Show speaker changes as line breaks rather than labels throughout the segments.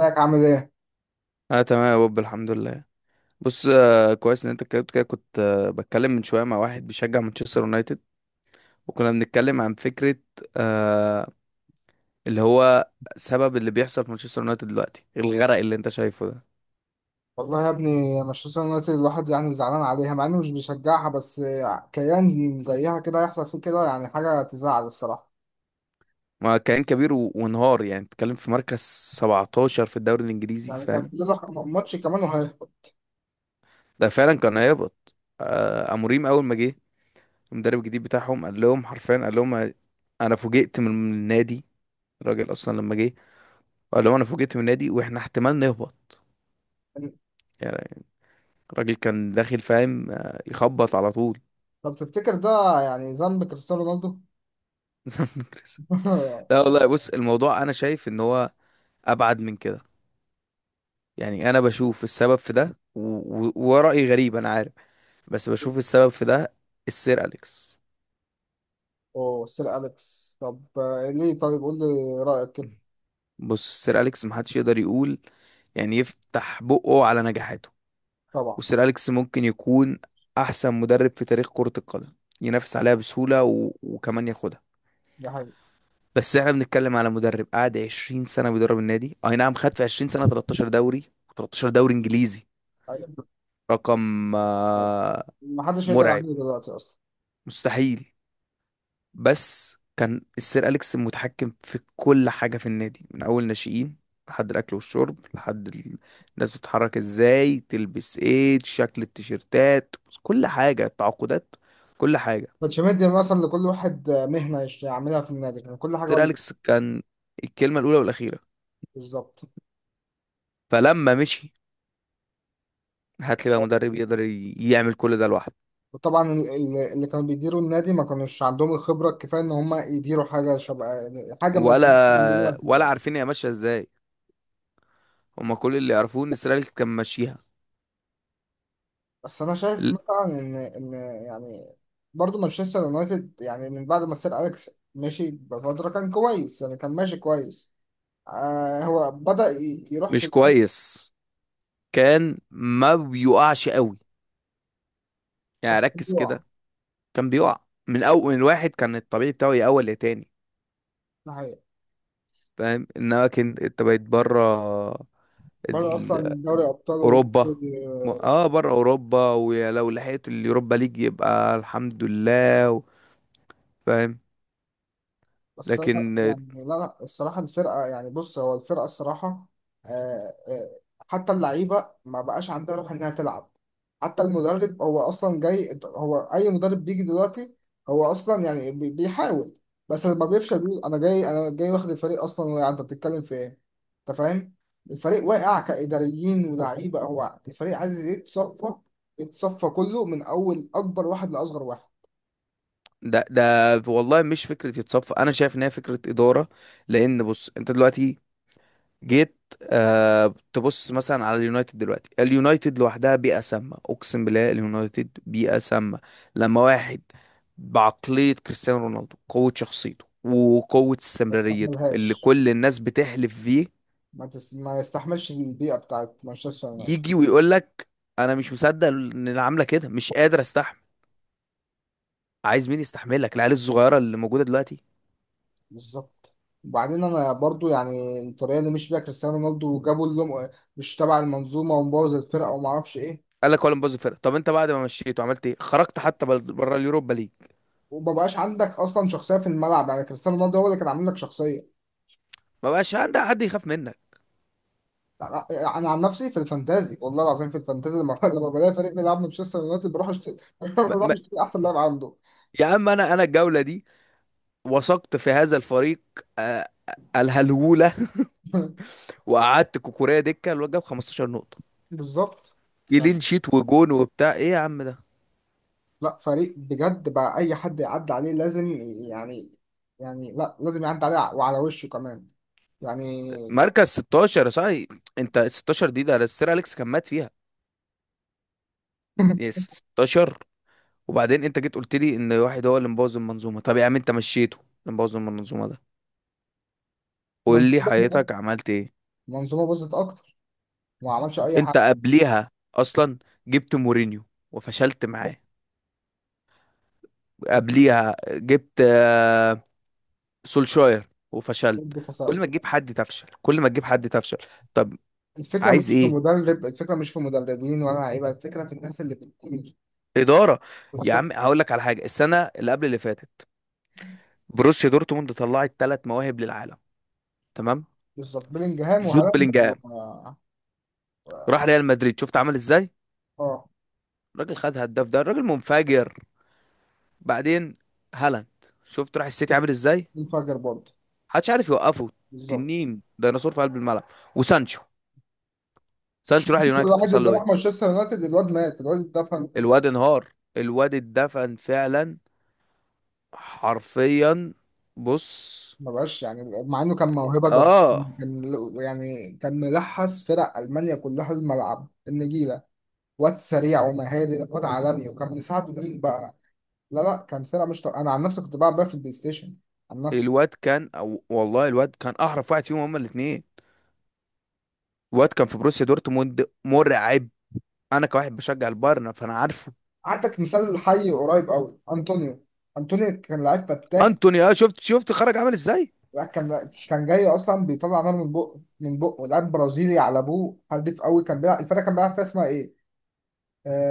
ازيك عامل ايه؟
اه تمام يا بوب، الحمد لله. بص، كويس ان انت اتكلمت كده. كنت بتكلم من شويه مع واحد بيشجع مانشستر يونايتد، وكنا بنتكلم عن فكره، آه اللي هو سبب اللي بيحصل في مانشستر يونايتد دلوقتي، الغرق اللي انت شايفه ده.
والله يا ابني مانشستر يونايتد الواحد يعني زعلان عليها مع انه مش بيشجعها، بس كيان زيها كده يحصل فيه كده، يعني حاجة تزعل الصراحة.
ما كان كبير وانهار. يعني بتتكلم في مركز 17 في الدوري الانجليزي،
يعني كان
فاهم.
في له ماتش كمان وهيهبط.
ده فعلا كان هيهبط. اموريم اول ما جه، المدرب الجديد بتاعهم، قال لهم حرفيا، قال لهم انا فوجئت من النادي. الراجل اصلا لما جه قال لهم انا فوجئت من النادي واحنا احتمال نهبط. يعني الراجل كان داخل فاهم، يخبط على طول.
طب تفتكر ده يعني ذنب كريستيانو رونالدو؟
زي ما بنكرس. لا والله، بص، الموضوع انا شايف ان هو ابعد من كده. يعني انا بشوف السبب في ده ورأيي غريب انا عارف، بس بشوف السبب في ده، السير اليكس.
اوه سير أليكس، طب ليه طيب قول لي رأيك كده.
بص، السير اليكس محدش يقدر يقول، يعني يفتح بقه على نجاحاته.
طبعا.
والسير اليكس ممكن يكون احسن مدرب في تاريخ كرة القدم، ينافس عليها بسهولة وكمان ياخدها.
ده حقيقي.
بس احنا بنتكلم على مدرب قعد 20 سنة بيدرب النادي، اي نعم خد في 20 سنة 13 دوري، 13 دوري انجليزي.
أيوة.
رقم
محدش يقدر
مرعب.
يعمله دلوقتي اصلا.
مستحيل. بس كان السير أليكس متحكم في كل حاجة في النادي، من أول ناشئين لحد الأكل والشرب، الناس بتتحرك ازاي، تلبس ايه، شكل التيشيرتات، كل حاجة، التعاقدات، كل حاجة.
كانش مدي مثلا لكل واحد مهنة يعملها في النادي، كان كل حاجة هو
سير
اللي
أليكس كان الكلمة الأولى والأخيرة.
بالظبط.
فلما مشي، هات لي بقى مدرب يقدر يعمل كل ده لوحده.
وطبعا اللي كانوا بيديروا النادي ما كانوش عندهم الخبرة الكفاية إن هم يديروا حاجة شبه حاجة من الحاجات اللي موجودة
ولا
في
ولا
الأهلي.
عارفين هي ماشيه ازاي. هما كل اللي يعرفوه ان اسرائيل كان ماشيها.
بس أنا شايف
ل-
مثلا إن يعني برضو مانشستر يونايتد يعني من بعد ما سير أليكس مشي بفترة كان كويس، يعني كان ماشي كويس. آه هو بدأ يروح في
مش
الكورة.
كويس. كان ما بيقعش قوي، يعني
بس كان
ركز
بيقع.
كده، كان بيقع. من اول من واحد كان الطبيعي بتاعه يأول لتاني،
ده حقيقة.
فاهم. انما كان انت بقيت بره
برضه
ال-
أصلا دوري أبطال.
اوروبا. بره اوروبا، ولو لحقت اليوروبا ليج يبقى الحمد لله فاهم.
بس انا
لكن
يعني لا الصراحه الفرقه، يعني بص هو الفرقه الصراحه آه، آه، حتى اللعيبه ما بقاش عندها روح انها تلعب. حتى المدرب هو اصلا جاي، هو اي مدرب بيجي دلوقتي هو اصلا يعني بيحاول. بس لما بيفشل بيقول انا جاي واخد الفريق اصلا واقع، انت بتتكلم في ايه؟ انت فاهم. الفريق واقع كاداريين ولاعيبه، هو الفريق عايز يتصفى، يتصفى كله من اول اكبر واحد لاصغر واحد.
ده والله مش فكرة يتصفى. أنا شايف إن هي فكرة إدارة. لأن بص، أنت دلوقتي جيت، تبص مثلا على اليونايتد دلوقتي، اليونايتد لوحدها بيئة سامة. أقسم بالله اليونايتد بيئة سامة. لما واحد بعقلية كريستيانو رونالدو، قوة شخصيته وقوة
ما
استمراريته اللي
تستحملهاش.
كل الناس بتحلف فيه،
ما يستحملش البيئة بتاعت مانشستر يونايتد.
يجي ويقول لك أنا مش مصدق إن اللي عاملة كده، مش قادر أستحمل، عايز مين يستحملك، العيال الصغيرة اللي موجودة دلوقتي.
بالظبط. وبعدين انا برضو يعني الطريقة اللي مشي بيها كريستيانو رونالدو، وجابوا اللي مش تبع المنظومة ومبوظ الفرقة وما اعرفش ايه.
قال لك ولا مبوظ الفرقه، طب انت بعد ما مشيته عملت ايه، خرجت حتى بره اليوروبا ليج،
ومبقاش عندك اصلا شخصية في الملعب، يعني كريستيانو رونالدو هو اللي كان عامل لك شخصية.
ما بقاش عندك حد يخاف منك.
لا- لا، انا عن نفسي في الفانتازي والله العظيم في الفانتازي لما لما بلاقي فريق بيلعب مانشستر يونايتد بروح اشتري
ما
بروح
ما
اشتري احسن لاعب عنده.
يا عم، انا الجوله دي وثقت في هذا الفريق. الهلوله. وقعدت كوكوريا دكه، الواد جاب 15 نقطه،
بالظبط.
كلين شيت وجون وبتاع ايه يا عم ده.
لا فريق بجد بقى اي حد يعدي عليه لازم يعني، يعني لا لازم يعدي عليه وعلى وشه كمان يعني.
مركز 16 يا صاحبي. انت ال 16 دي ده السير اليكس كان مات فيها. يا 16. وبعدين انت جيت قلت لي ان واحد هو اللي مبوظ المنظومه، طب يا عم انت مشيته اللي مبوظ المنظومه ده، قول لي
منظومه،
حياتك عملت ايه.
منظومه باظت اكتر وما عملش اي
انت
حاجه.
قبليها اصلا جبت مورينيو وفشلت معاه. قبليها جبت سولشاير وفشلت.
برضه خسر.
كل ما تجيب حد تفشل، كل ما تجيب حد تفشل. طب
الفكره مش
عايز
في
ايه،
مدرب، الفكره مش في مدربين ولا لعيبه، الفكره في الناس اللي بتدير.
اداره. يا
بالظبط.
عم هقول لك على حاجه، السنه اللي قبل اللي فاتت بروسيا دورتموند طلعت ثلاث مواهب للعالم. تمام.
بالظبط بيلينجهام
جود
وهالاند
بلينجهام
و-
راح ريال مدريد، شفت عمل ازاي.
اه
الراجل خد هداف، ده الراجل منفجر. بعدين هالاند، شفت راح السيتي عامل ازاي،
منفجر برضه.
محدش عارف يوقفه.
بالظبط.
تنين ديناصور في قلب الملعب. وسانشو،
بس
سانشو راح اليونايتد
الواحد
حصل
اللي
له ايه.
راح مانشستر يونايتد الواد مات الواد اتدفن.
الواد انهار، الواد اتدفن فعلا، حرفيا. بص.
ما بقاش يعني مع انه كان موهبه جبار.
اه
كان يعني كان ملحس فرق المانيا كلها الملعب النجيله، واد سريع ومهاري، واد عالمي، وكان مساعده مين بقى؟ لا لا كان فرقه مش طبيعية. انا عن نفسي كنت بلعب بقى في البلاي ستيشن عن نفسي.
الواد كان، أو والله الواد كان احرف واحد فيهم هما الاثنين. الواد كان في بروسيا دورتموند مرعب. انا كواحد بشجع البايرن فانا عارفه.
عندك مثال حي قريب قوي انطونيو. انطونيو كان لعيب فتاك.
انتوني، شفت خرج عامل ازاي.
لا، كان كان جاي اصلا بيطلع نار من بقه من بقه، لاعب برازيلي على ابوه، حديف قوي، كان بيلعب الفرقه كان بيلعب فيها اسمها ايه،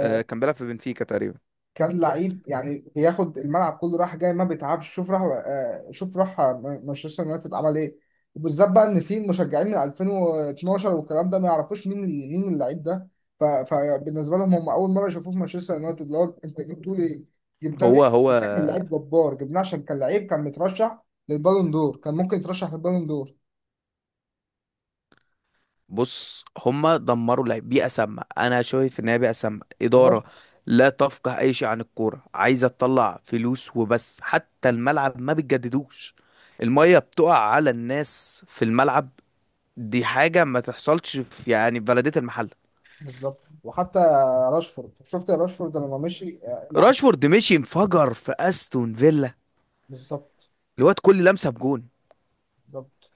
كان بيلعب في بنفيكا تقريبا.
كان لعيب يعني بياخد الملعب كله راح جاي ما بيتعبش. شوف راح شوف راح مانشستر يونايتد عمل ايه؟ وبالذات بقى ان في مشجعين من 2012 والكلام ده ما يعرفوش مين مين اللعيب ده. فبالنسبه لهم هم اول مره يشوفوه في مانشستر يونايتد، اللي هو انت جبتوه ليه؟ جبناه ليه؟
هو هو
جبناه كان لعيب جبار، جبناه عشان كان لعيب، كان مترشح للبالون دور، كان ممكن يترشح للبالون دور.
بص هما دمروا لعب. بيئة سامة، أنا شايف إن هي بيئة سامة،
راشفورد.
إدارة لا تفقه أي شيء عن الكورة، عايزة تطلع فلوس وبس. حتى الملعب ما بتجددوش، المية بتقع على الناس في الملعب. دي حاجة ما تحصلش في، يعني، في بلدية المحل.
بالظبط. وحتى راشفورد، شفت راشفورد لما مشي، اللي
راشفورد مشي انفجر في أستون فيلا.
بالظبط.
الواد كل لمسة بجون.
بالظبط.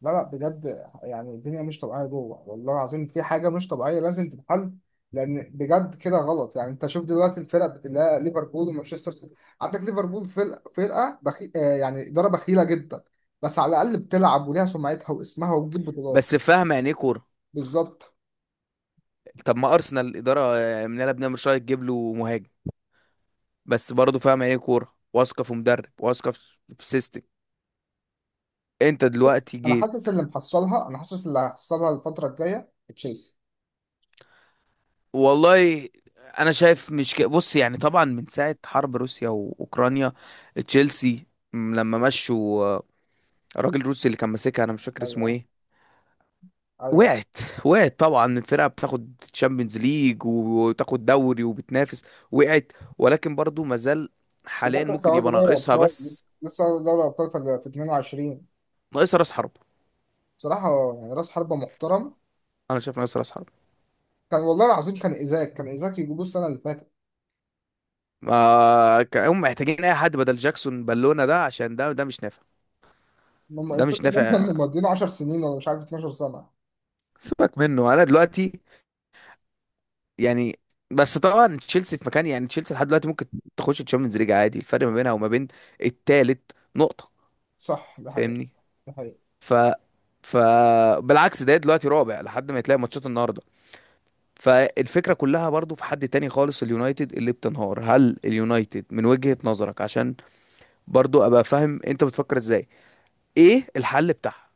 لا لا بجد يعني الدنيا مش طبيعية جوه، والله العظيم في حاجة مش طبيعية لازم تتحل. لأن بجد كده غلط. يعني أنت شوف دلوقتي الفرق، بتلاقي ليفربول ومانشستر سيتي. عندك ليفربول فرقة فرقة بخي... آه يعني إدارة بخيلة جدا، بس على الأقل بتلعب وليها سمعتها واسمها وبتجيب بطولات.
بس فاهم يعني إيه كورة.
بالظبط.
طب ما أرسنال الإدارة مناله بنعمل شوية تجيب له مهاجم، بس برضه فاهم يعني إيه كورة واثقة في مدرب، واثقة في سيستم. انت
بص
دلوقتي
أنا
جيت.
حاسس اللي محصلها، أنا حاسس اللي هيحصلها الفترة الجاية تشيلسي.
والله انا شايف مش بص يعني، طبعا من ساعة حرب روسيا واوكرانيا، تشيلسي، لما مشوا، الراجل الروسي اللي كان ماسكها انا مش فاكر اسمه
أيوه.
ايه،
أيوه.
وقعت. وقعت طبعا، الفرقة بتاخد تشامبيونز ليج وتاخد دوري وبتنافس، وقعت. ولكن برضو مازال
ده
حاليا،
لسه
ممكن
واخدة
يبقى
دوري
ناقصها
أبطال،
بس،
لسه واخدة دوري أبطال في في 22.
ناقصها راس حرب.
بصراحة يعني رأس حربة محترم.
انا شايف ناقصها راس حرب.
كان والله العظيم كان إيزاك، كان إيزاك يجيبوه السنة اللي فاتت.
ما كان- هم محتاجين اي حد بدل جاكسون بالونة ده، عشان ده مش نافع.
هم
ده مش
الفكرة إن هم
نافع.
كانوا مضيين 10 سنين ولا مش عارف 12 سنة.
سيبك منه انا دلوقتي، يعني. بس طبعا تشيلسي في مكان، يعني تشيلسي لحد دلوقتي ممكن تخش الشامبيونز ليج عادي. الفرق ما بينها وما بين التالت نقطة،
صح ده حقيقة.
فاهمني.
ده حقيقة.
ف ف بالعكس، ده دلوقتي رابع لحد ما يتلاقي ماتشات النهارده. فالفكرة كلها برضو في حد تاني خالص، اليونايتد اللي بتنهار. هل اليونايتد من وجهة نظرك، عشان برضو ابقى فاهم انت بتفكر ازاي، ايه الحل بتاعها؟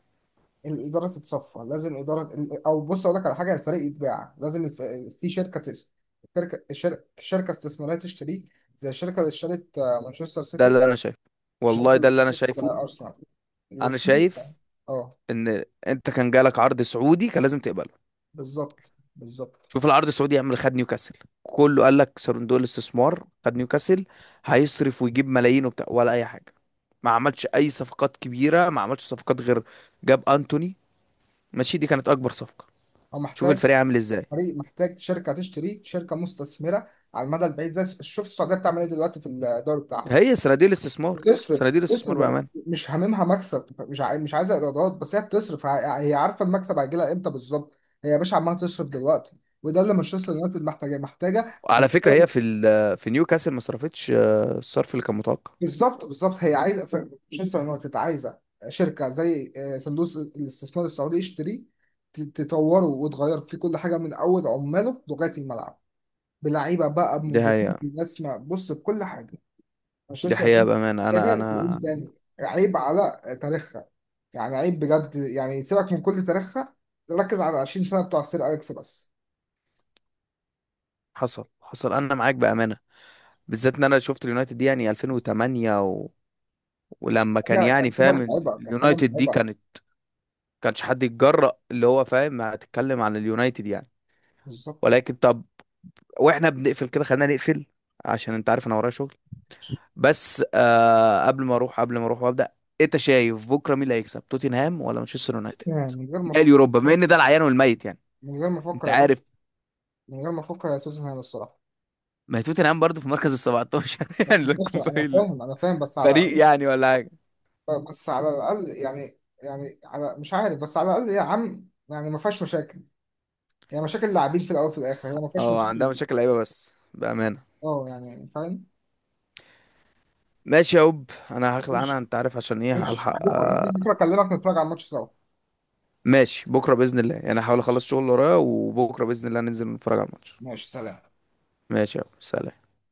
الإدارة تتصفى لازم، إدارة أو بص أقول لك على حاجة، الفريق يتباع لازم في شركة الشركة شركة استثمارية تشتريه، زي الشركة اللي اشترت مانشستر
ده
سيتي،
اللي انا شايفه،
والشركة
والله ده
اللي
اللي انا
اشترت
شايفه.
أرسنال،
انا
الاتنين.
شايف
اه
ان انت كان جالك عرض سعودي كان لازم تقبله.
بالظبط بالظبط.
شوف العرض السعودي يعمل، خد نيوكاسل، كله قال لك صندوق الاستثمار خد نيوكاسل، هيصرف ويجيب ملايين وبتاع ولا اي حاجه. ما عملش اي صفقات كبيره، ما عملش صفقات غير، جاب انتوني، ماشي دي كانت اكبر صفقه.
هو
شوف
محتاج،
الفريق عامل ازاي.
فريق محتاج شركه تشتريه، شركه مستثمره على المدى البعيد. زي شوف السعوديه بتعمل ايه دلوقتي في الدوري بتاعهم،
هي صناديق الاستثمار،
بتصرف،
صناديق
بتصرف
الاستثمار
بقى.
بامان.
مش هاممها مكسب، مش عايزه ايرادات، بس هي بتصرف هي عارفه المكسب هيجي لها امتى بالظبط. هي يا باشا عماله تصرف دلوقتي، وده اللي مانشستر يونايتد محتاجاه، محتاجه من
وعلى فكره
اول.
هي في في نيوكاسل ما صرفتش الصرف اللي كان متوقع.
بالظبط. بالظبط هي عايزه مانشستر يونايتد عايزه شركه زي صندوق الاستثمار السعودي يشتريه، تطوره وتغير فيه كل حاجه من اول عماله لغايه الملعب، بلعيبه بقى،
دي
بمدربين،
حقيقه.
بناس بص بكل حاجه.
دي
مانشستر
حقيقه
يونايتد
بامانه، انا
محتاجه تقول
انا
تاني، عيب على تاريخها، يعني عيب بجد. يعني سيبك من كل تاريخها، ركز على 20 سنه بتوع سير اليكس بس.
حصل، انا معاك بامانه، بالذات ان انا شفت اليونايتد دي يعني 2008، ولما كان
حاجه
يعني
كانت حاجه
فاهم
متعبه كانت حاجه
اليونايتد دي
متعبه.
كانت، كانش حد يتجرأ اللي هو فاهم هتتكلم عن اليونايتد يعني.
بالظبط.
ولكن طب، واحنا بنقفل كده، خلينا نقفل عشان انت عارف انا ورايا شغل. بس قبل ما اروح وابدا، انت شايف بكره مين اللي هيكسب، توتنهام ولا مانشستر يونايتد؟
يعني من غير ما
لا
افكر،
اليوروبا، بما ان ده العيان والميت يعني،
من غير ما افكر
انت
يا باشا،
عارف.
من غير ما افكر يا توتنهام الصراحه.
ما هي توتنهام برضه في مركز ال 17 يعني
بس
لا
بص
تكون
انا فاهم انا فاهم بس
فريق
على،
يعني ولا حاجه.
بس على الاقل يعني، يعني على مش عارف، بس على الاقل يا عم يعني ما فيهاش مشاكل. هي مشاكل لاعبين في الاول وفي الاخر، هي ما فيهاش
اه، عندها
مشاكل.
مشاكل لعيبه بس بامانه.
اه يعني فاهم.
ماشي يا هوب، انا هخلع،
مش
انا انت عارف عشان ايه،
مش
هلحق.
بكره، ممكن بكره اكلمك نتفرج على الماتش سوا.
ماشي بكرة بإذن الله، يعني هحاول أخلص شغل اللي ورايا، وبكرة بإذن الله ننزل نتفرج على الماتش.
ماشي سلام.
ماشي يا أبو، سلام.